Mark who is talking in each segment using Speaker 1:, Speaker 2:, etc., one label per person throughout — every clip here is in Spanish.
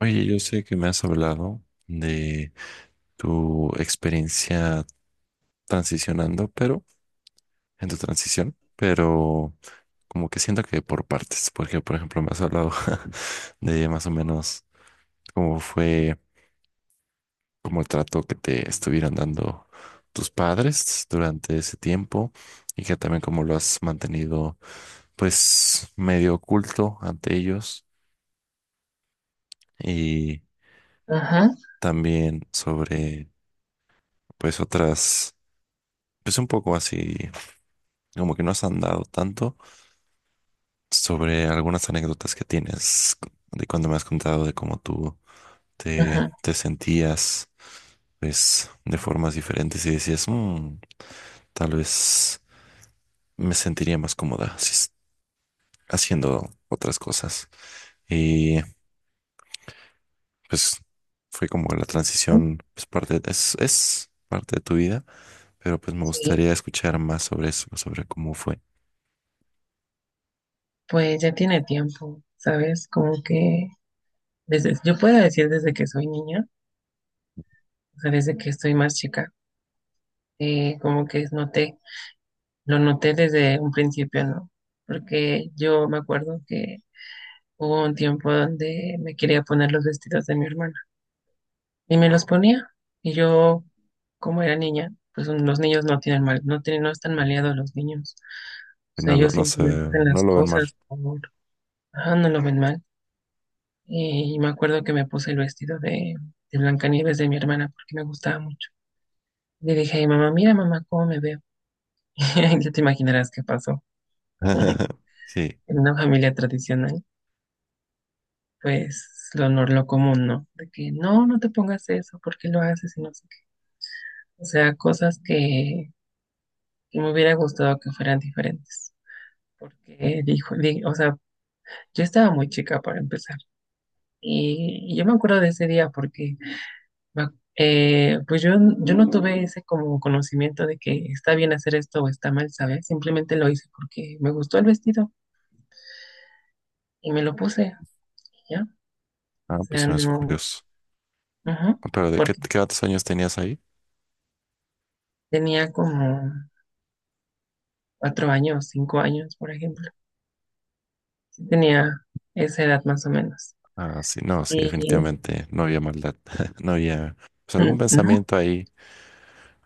Speaker 1: Oye, yo sé que me has hablado de tu experiencia transicionando, pero en tu transición, pero como que siento que por partes, porque por ejemplo me has hablado de más o menos cómo fue, como el trato que te estuvieron dando tus padres durante ese tiempo y que también cómo lo has mantenido pues medio oculto ante ellos y
Speaker 2: Ajá,
Speaker 1: también sobre pues otras pues un poco así como que no has andado tanto sobre algunas anécdotas que tienes de cuando me has contado de cómo tú te,
Speaker 2: ajá,
Speaker 1: te sentías, pues, de formas diferentes y decías, "Mm, tal vez me sentiría más cómoda si es- haciendo otras cosas". Y pues fue como la
Speaker 2: ajá,
Speaker 1: transición, pues, es parte de tu vida, pero pues me
Speaker 2: sí,
Speaker 1: gustaría escuchar más sobre eso, sobre cómo fue.
Speaker 2: pues ya tiene tiempo, ¿sabes? Como que desde, yo puedo decir desde que soy niña, o sea, desde que estoy más chica, como que noté, lo noté desde un principio, ¿no? Porque yo me acuerdo que hubo un tiempo donde me quería poner los vestidos de mi hermana y me los ponía y yo, como era niña, pues los niños no tienen mal, no tienen, no están maleados los niños, o
Speaker 1: Que
Speaker 2: sea,
Speaker 1: no lo,
Speaker 2: ellos
Speaker 1: no se,
Speaker 2: simplemente hacen
Speaker 1: no
Speaker 2: las
Speaker 1: lo ven mal.
Speaker 2: cosas por, ajá, no lo ven mal. Y me acuerdo que me puse el vestido de Blancanieves de mi hermana porque me gustaba mucho. Le dije a mi mamá, mira mamá, cómo me veo. Ya te imaginarás qué pasó.
Speaker 1: Sí.
Speaker 2: En una familia tradicional, pues lo común, ¿no? De que no, no te pongas eso, ¿por qué lo haces? Y no sé qué. O sea, cosas que me hubiera gustado que fueran diferentes. Porque dijo, o sea, yo estaba muy chica para empezar. Y yo me acuerdo de ese día porque pues yo no tuve ese como conocimiento de que está bien hacer esto o está mal, ¿sabes? Simplemente lo hice porque me gustó el vestido y me lo puse, ¿ya?
Speaker 1: Ah,
Speaker 2: O
Speaker 1: pues
Speaker 2: sea,
Speaker 1: se me hace
Speaker 2: no,
Speaker 1: curioso.
Speaker 2: ajá,
Speaker 1: Pero ¿de qué,
Speaker 2: porque
Speaker 1: qué otros años tenías ahí?
Speaker 2: tenía como 4 años, 5 años, por ejemplo. Sí tenía esa edad más o menos.
Speaker 1: Ah, sí, no, sí,
Speaker 2: Y
Speaker 1: definitivamente no había maldad. No había, pues algún
Speaker 2: no,
Speaker 1: pensamiento ahí.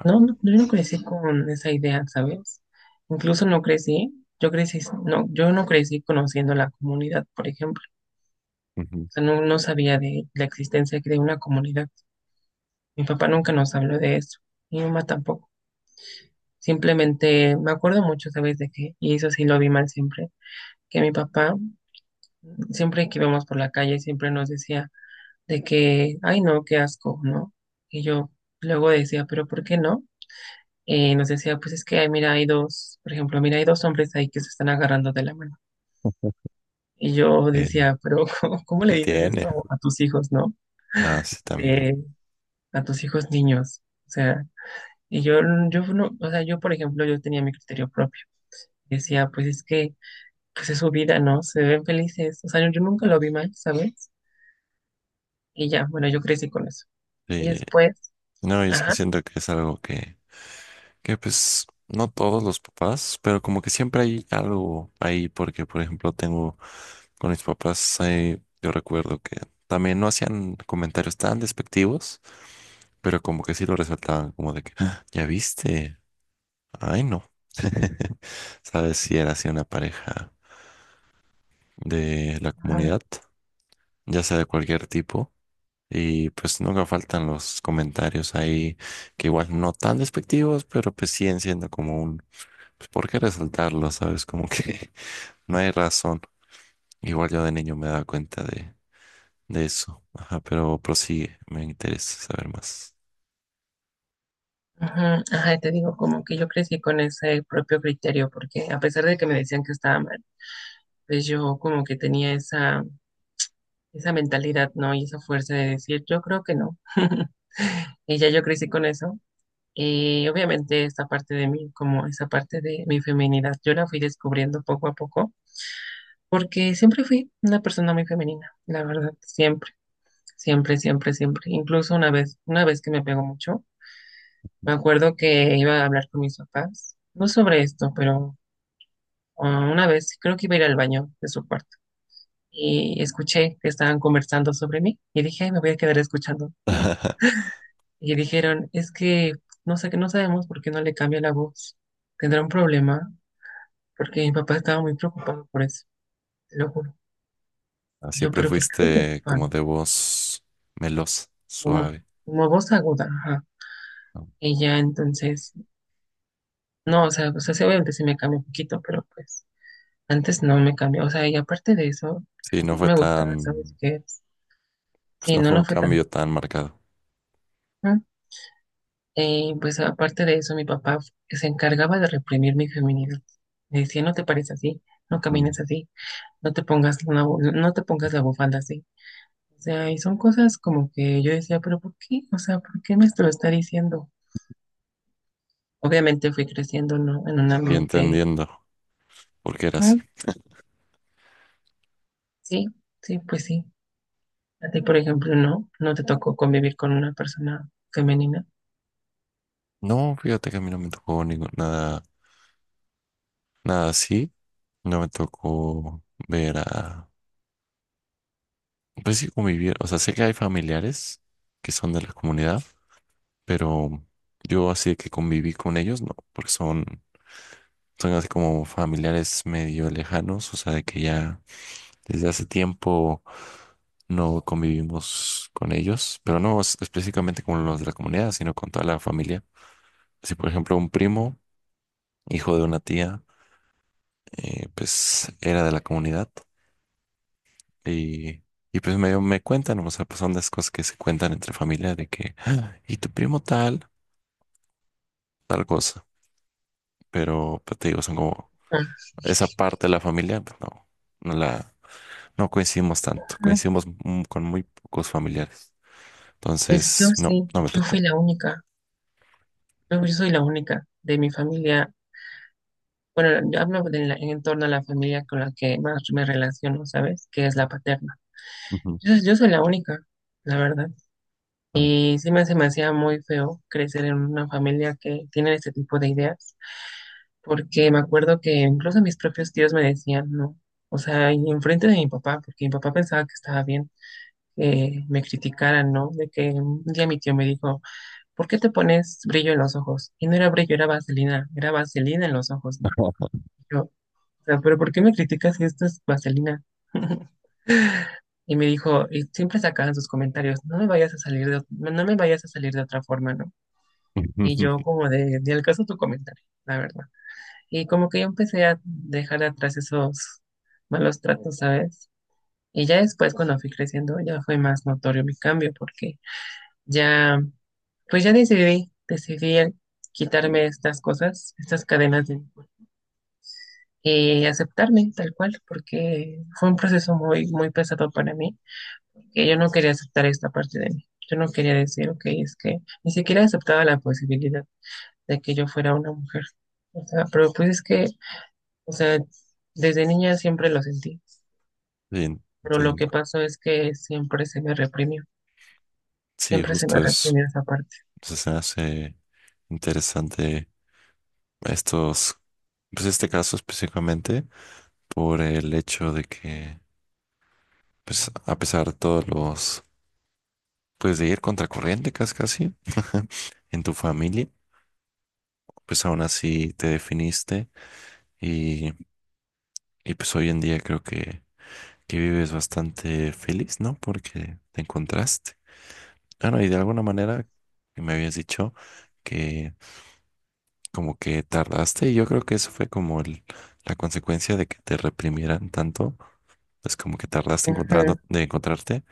Speaker 2: no, no, yo no crecí con esa idea, ¿sabes? Incluso no crecí, yo crecí, no, yo no crecí conociendo la comunidad, por ejemplo.
Speaker 1: Ujú.
Speaker 2: Sea, no, no sabía de la existencia de una comunidad. Mi papá nunca nos habló de eso, mi mamá tampoco. Simplemente me acuerdo mucho, ¿sabes de qué? Y eso sí lo vi mal siempre, que mi papá, siempre que íbamos por la calle, siempre nos decía de que, ay no, qué asco, ¿no? Y yo luego decía, pero ¿por qué no? Y nos decía, pues es que, ay, mira, hay dos, por ejemplo, mira, hay dos hombres ahí que se están agarrando de la mano. Y yo
Speaker 1: que,
Speaker 2: decía, pero ¿cómo
Speaker 1: que
Speaker 2: le dices
Speaker 1: tiene.
Speaker 2: esto a tus hijos, ¿no?
Speaker 1: Ah, sí, también.
Speaker 2: Eh, a tus hijos niños. O sea, yo no, o sea, yo por ejemplo, yo tenía mi criterio propio. Decía, pues es que, pues es su vida, ¿no? Se ven felices. O sea, yo nunca lo vi mal, ¿sabes? Y ya, bueno, yo crecí con eso.
Speaker 1: Sí.
Speaker 2: Y después,
Speaker 1: No, y es que
Speaker 2: ajá,
Speaker 1: siento que es algo que, que no todos los papás, pero como que siempre hay algo ahí, porque por ejemplo tengo con mis papás, yo recuerdo que también no hacían comentarios tan despectivos, pero como que sí lo resaltaban, como de que, "Ah, ¿ya viste? Ay, no". ¿Sabes si era así una pareja de la
Speaker 2: ajá,
Speaker 1: comunidad, ya sea de cualquier tipo? Y pues nunca faltan los comentarios ahí, que igual no tan despectivos, pero pues siguen siendo como un, pues ¿por qué resaltarlo? ¿Sabes? Como que no hay razón. Igual yo de niño me daba cuenta de eso. Ajá, pero prosigue, me interesa saber más.
Speaker 2: ajá, te digo, como que yo crecí con ese propio criterio, porque a pesar de que me decían que estaba mal, pues yo como que tenía esa mentalidad, ¿no? Y esa fuerza de decir, yo creo que no. Y ya yo crecí con eso. Y obviamente esta parte de mí, como esa parte de mi feminidad, yo la fui descubriendo poco a poco, porque siempre fui una persona muy femenina, la verdad, siempre, siempre, siempre, siempre. Incluso una vez que me pegó mucho, me acuerdo que iba a hablar con mis papás, no sobre esto, pero una vez creo que iba a ir al baño de su cuarto y escuché que estaban conversando sobre mí y dije, "Ay, me voy a quedar escuchando." Y dijeron, es que no sé, que no sabemos por qué no le cambia la voz. ¿Tendrá un problema? Porque mi papá estaba muy preocupado por eso, te lo juro.
Speaker 1: Ah,
Speaker 2: Yo,
Speaker 1: siempre
Speaker 2: pero ¿por qué se
Speaker 1: fuiste como
Speaker 2: preocupan?
Speaker 1: de voz melosa,
Speaker 2: Como,
Speaker 1: suave,
Speaker 2: como voz aguda, ajá.
Speaker 1: ¿no?
Speaker 2: Y ya entonces, no, o sea, sí, obviamente se me cambió un poquito, pero pues antes no me cambió. O sea, y aparte de eso,
Speaker 1: Sí,
Speaker 2: lo que
Speaker 1: no
Speaker 2: no
Speaker 1: fue
Speaker 2: me gustaba, ¿sabes
Speaker 1: tan...
Speaker 2: qué?
Speaker 1: Pues
Speaker 2: Sí,
Speaker 1: no
Speaker 2: no,
Speaker 1: fue un
Speaker 2: no fue tanto.
Speaker 1: cambio tan marcado.
Speaker 2: ¿No? Y pues aparte de eso, mi papá se encargaba de reprimir mi feminidad. Me decía, no te pares así, no
Speaker 1: Mm.
Speaker 2: camines así, no te pongas una, no te pongas la bufanda así. O sea, y son cosas como que yo decía, pero ¿por qué? O sea, ¿por qué me lo está diciendo? Obviamente fui creciendo, ¿no? En un
Speaker 1: Y
Speaker 2: ambiente,
Speaker 1: entendiendo por qué era así.
Speaker 2: ajá, sí, sí, pues sí. A ti, por ejemplo, no, no te tocó convivir con una persona femenina.
Speaker 1: No, fíjate que a mí no me tocó ningún, nada, nada así. No me tocó ver a... Pues sí, convivir. O sea, sé que hay familiares que son de la comunidad, pero yo así de que conviví con ellos, no, porque son así como familiares medio lejanos, o sea, de que ya desde hace tiempo no convivimos con ellos, pero no es- específicamente con los de la comunidad, sino con toda la familia. Si, por ejemplo, un primo, hijo de una tía, pues era de la comunidad y, y pues me cuentan, o sea, pues son las cosas que se cuentan entre familia de que, "Ah, y tu primo tal, tal cosa", pero pues, te digo, son como esa parte de la familia, pues, no, no la, no coincidimos tanto,
Speaker 2: Ajá.
Speaker 1: coincidimos con muy pocos familiares,
Speaker 2: Pues yo
Speaker 1: entonces, no,
Speaker 2: sí,
Speaker 1: no me
Speaker 2: yo fui
Speaker 1: tocó.
Speaker 2: la única, yo soy la única de mi familia. Bueno, yo hablo de en torno a la familia con la que más me relaciono, ¿sabes? Que es la paterna.
Speaker 1: Ujú.
Speaker 2: Yo soy la única, la verdad.
Speaker 1: No.
Speaker 2: Y sí me, se me hacía muy feo crecer en una familia que tiene este tipo de ideas, porque me acuerdo que incluso mis propios tíos me decían, no, o sea, y enfrente de mi papá, porque mi papá pensaba que estaba bien, que me criticaran, ¿no? De que un día mi tío me dijo, ¿por qué te pones brillo en los ojos? Y no era brillo, era vaselina en los ojos, ¿no? Yo, o sea, pero ¿por qué me criticas si esto es vaselina? Y me dijo, y siempre sacaban sus comentarios, no me vayas a salir de, no me vayas a salir de otra forma, ¿no? Y yo como de al caso tu comentario, la verdad. Y como que yo empecé a dejar atrás esos malos tratos, ¿sabes? Y ya después cuando fui creciendo ya fue más notorio mi cambio porque ya, pues ya decidí, decidí el quitarme estas cosas, estas cadenas de, y aceptarme tal cual porque fue un proceso muy, muy pesado para mí, que yo no quería aceptar esta parte de mí. Yo no quería decir, ok, es que ni siquiera aceptaba la posibilidad de que yo fuera una mujer. O sea, pero pues es que, o sea, desde niña siempre lo sentí,
Speaker 1: Sí,
Speaker 2: pero lo que
Speaker 1: entiendo.
Speaker 2: pasó es que siempre se me reprimió,
Speaker 1: Sí,
Speaker 2: siempre se me
Speaker 1: justo eso.
Speaker 2: reprimió esa parte.
Speaker 1: O sea, se me hace interesante a estos, pues este caso específicamente, por el hecho de que, pues a pesar de todos los, pues de ir contracorriente casi casi en tu familia, pues aún así te definiste y, y pues hoy en día creo que vives bastante feliz, ¿no? Porque te encontraste. Bueno, y de alguna manera que me habías dicho que como que tardaste y yo creo que eso fue como la consecuencia de que te reprimieran tanto es como que tardaste
Speaker 2: Ujú.
Speaker 1: encontrando, de encontrarte,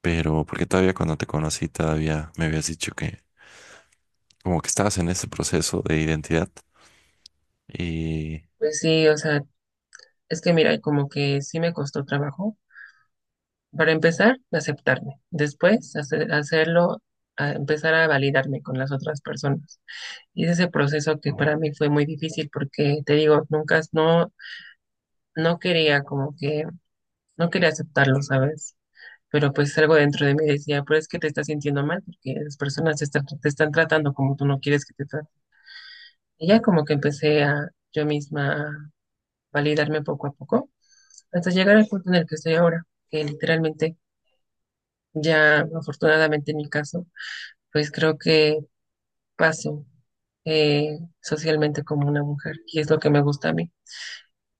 Speaker 1: pero porque todavía cuando te conocí todavía me habías dicho que como que estabas en ese proceso de identidad y
Speaker 2: Pues sí, o sea, es que mira, como que sí me costó trabajo. Para empezar, aceptarme. Después, hacerlo, a empezar a validarme con las otras personas. Y es ese proceso que para mí fue muy difícil porque, te digo, nunca, no, no quería como que, no quería aceptarlo, ¿sabes? Pero pues algo dentro de mí decía, pero es que te estás sintiendo mal porque las personas te están tratando como tú no quieres que te traten. Y ya como que empecé a yo misma a validarme poco a poco hasta llegar al punto en el que estoy ahora, que literalmente ya afortunadamente en mi caso, pues creo que paso socialmente como una mujer y es lo que me gusta a mí,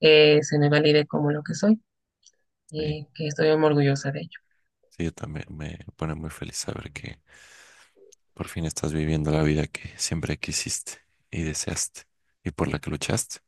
Speaker 2: que se me valide como lo que soy
Speaker 1: sí,
Speaker 2: y que estoy muy orgullosa de ello.
Speaker 1: sí, yo también me pone muy feliz saber que por fin estás viviendo la vida que siempre quisiste y deseaste y por la que luchaste.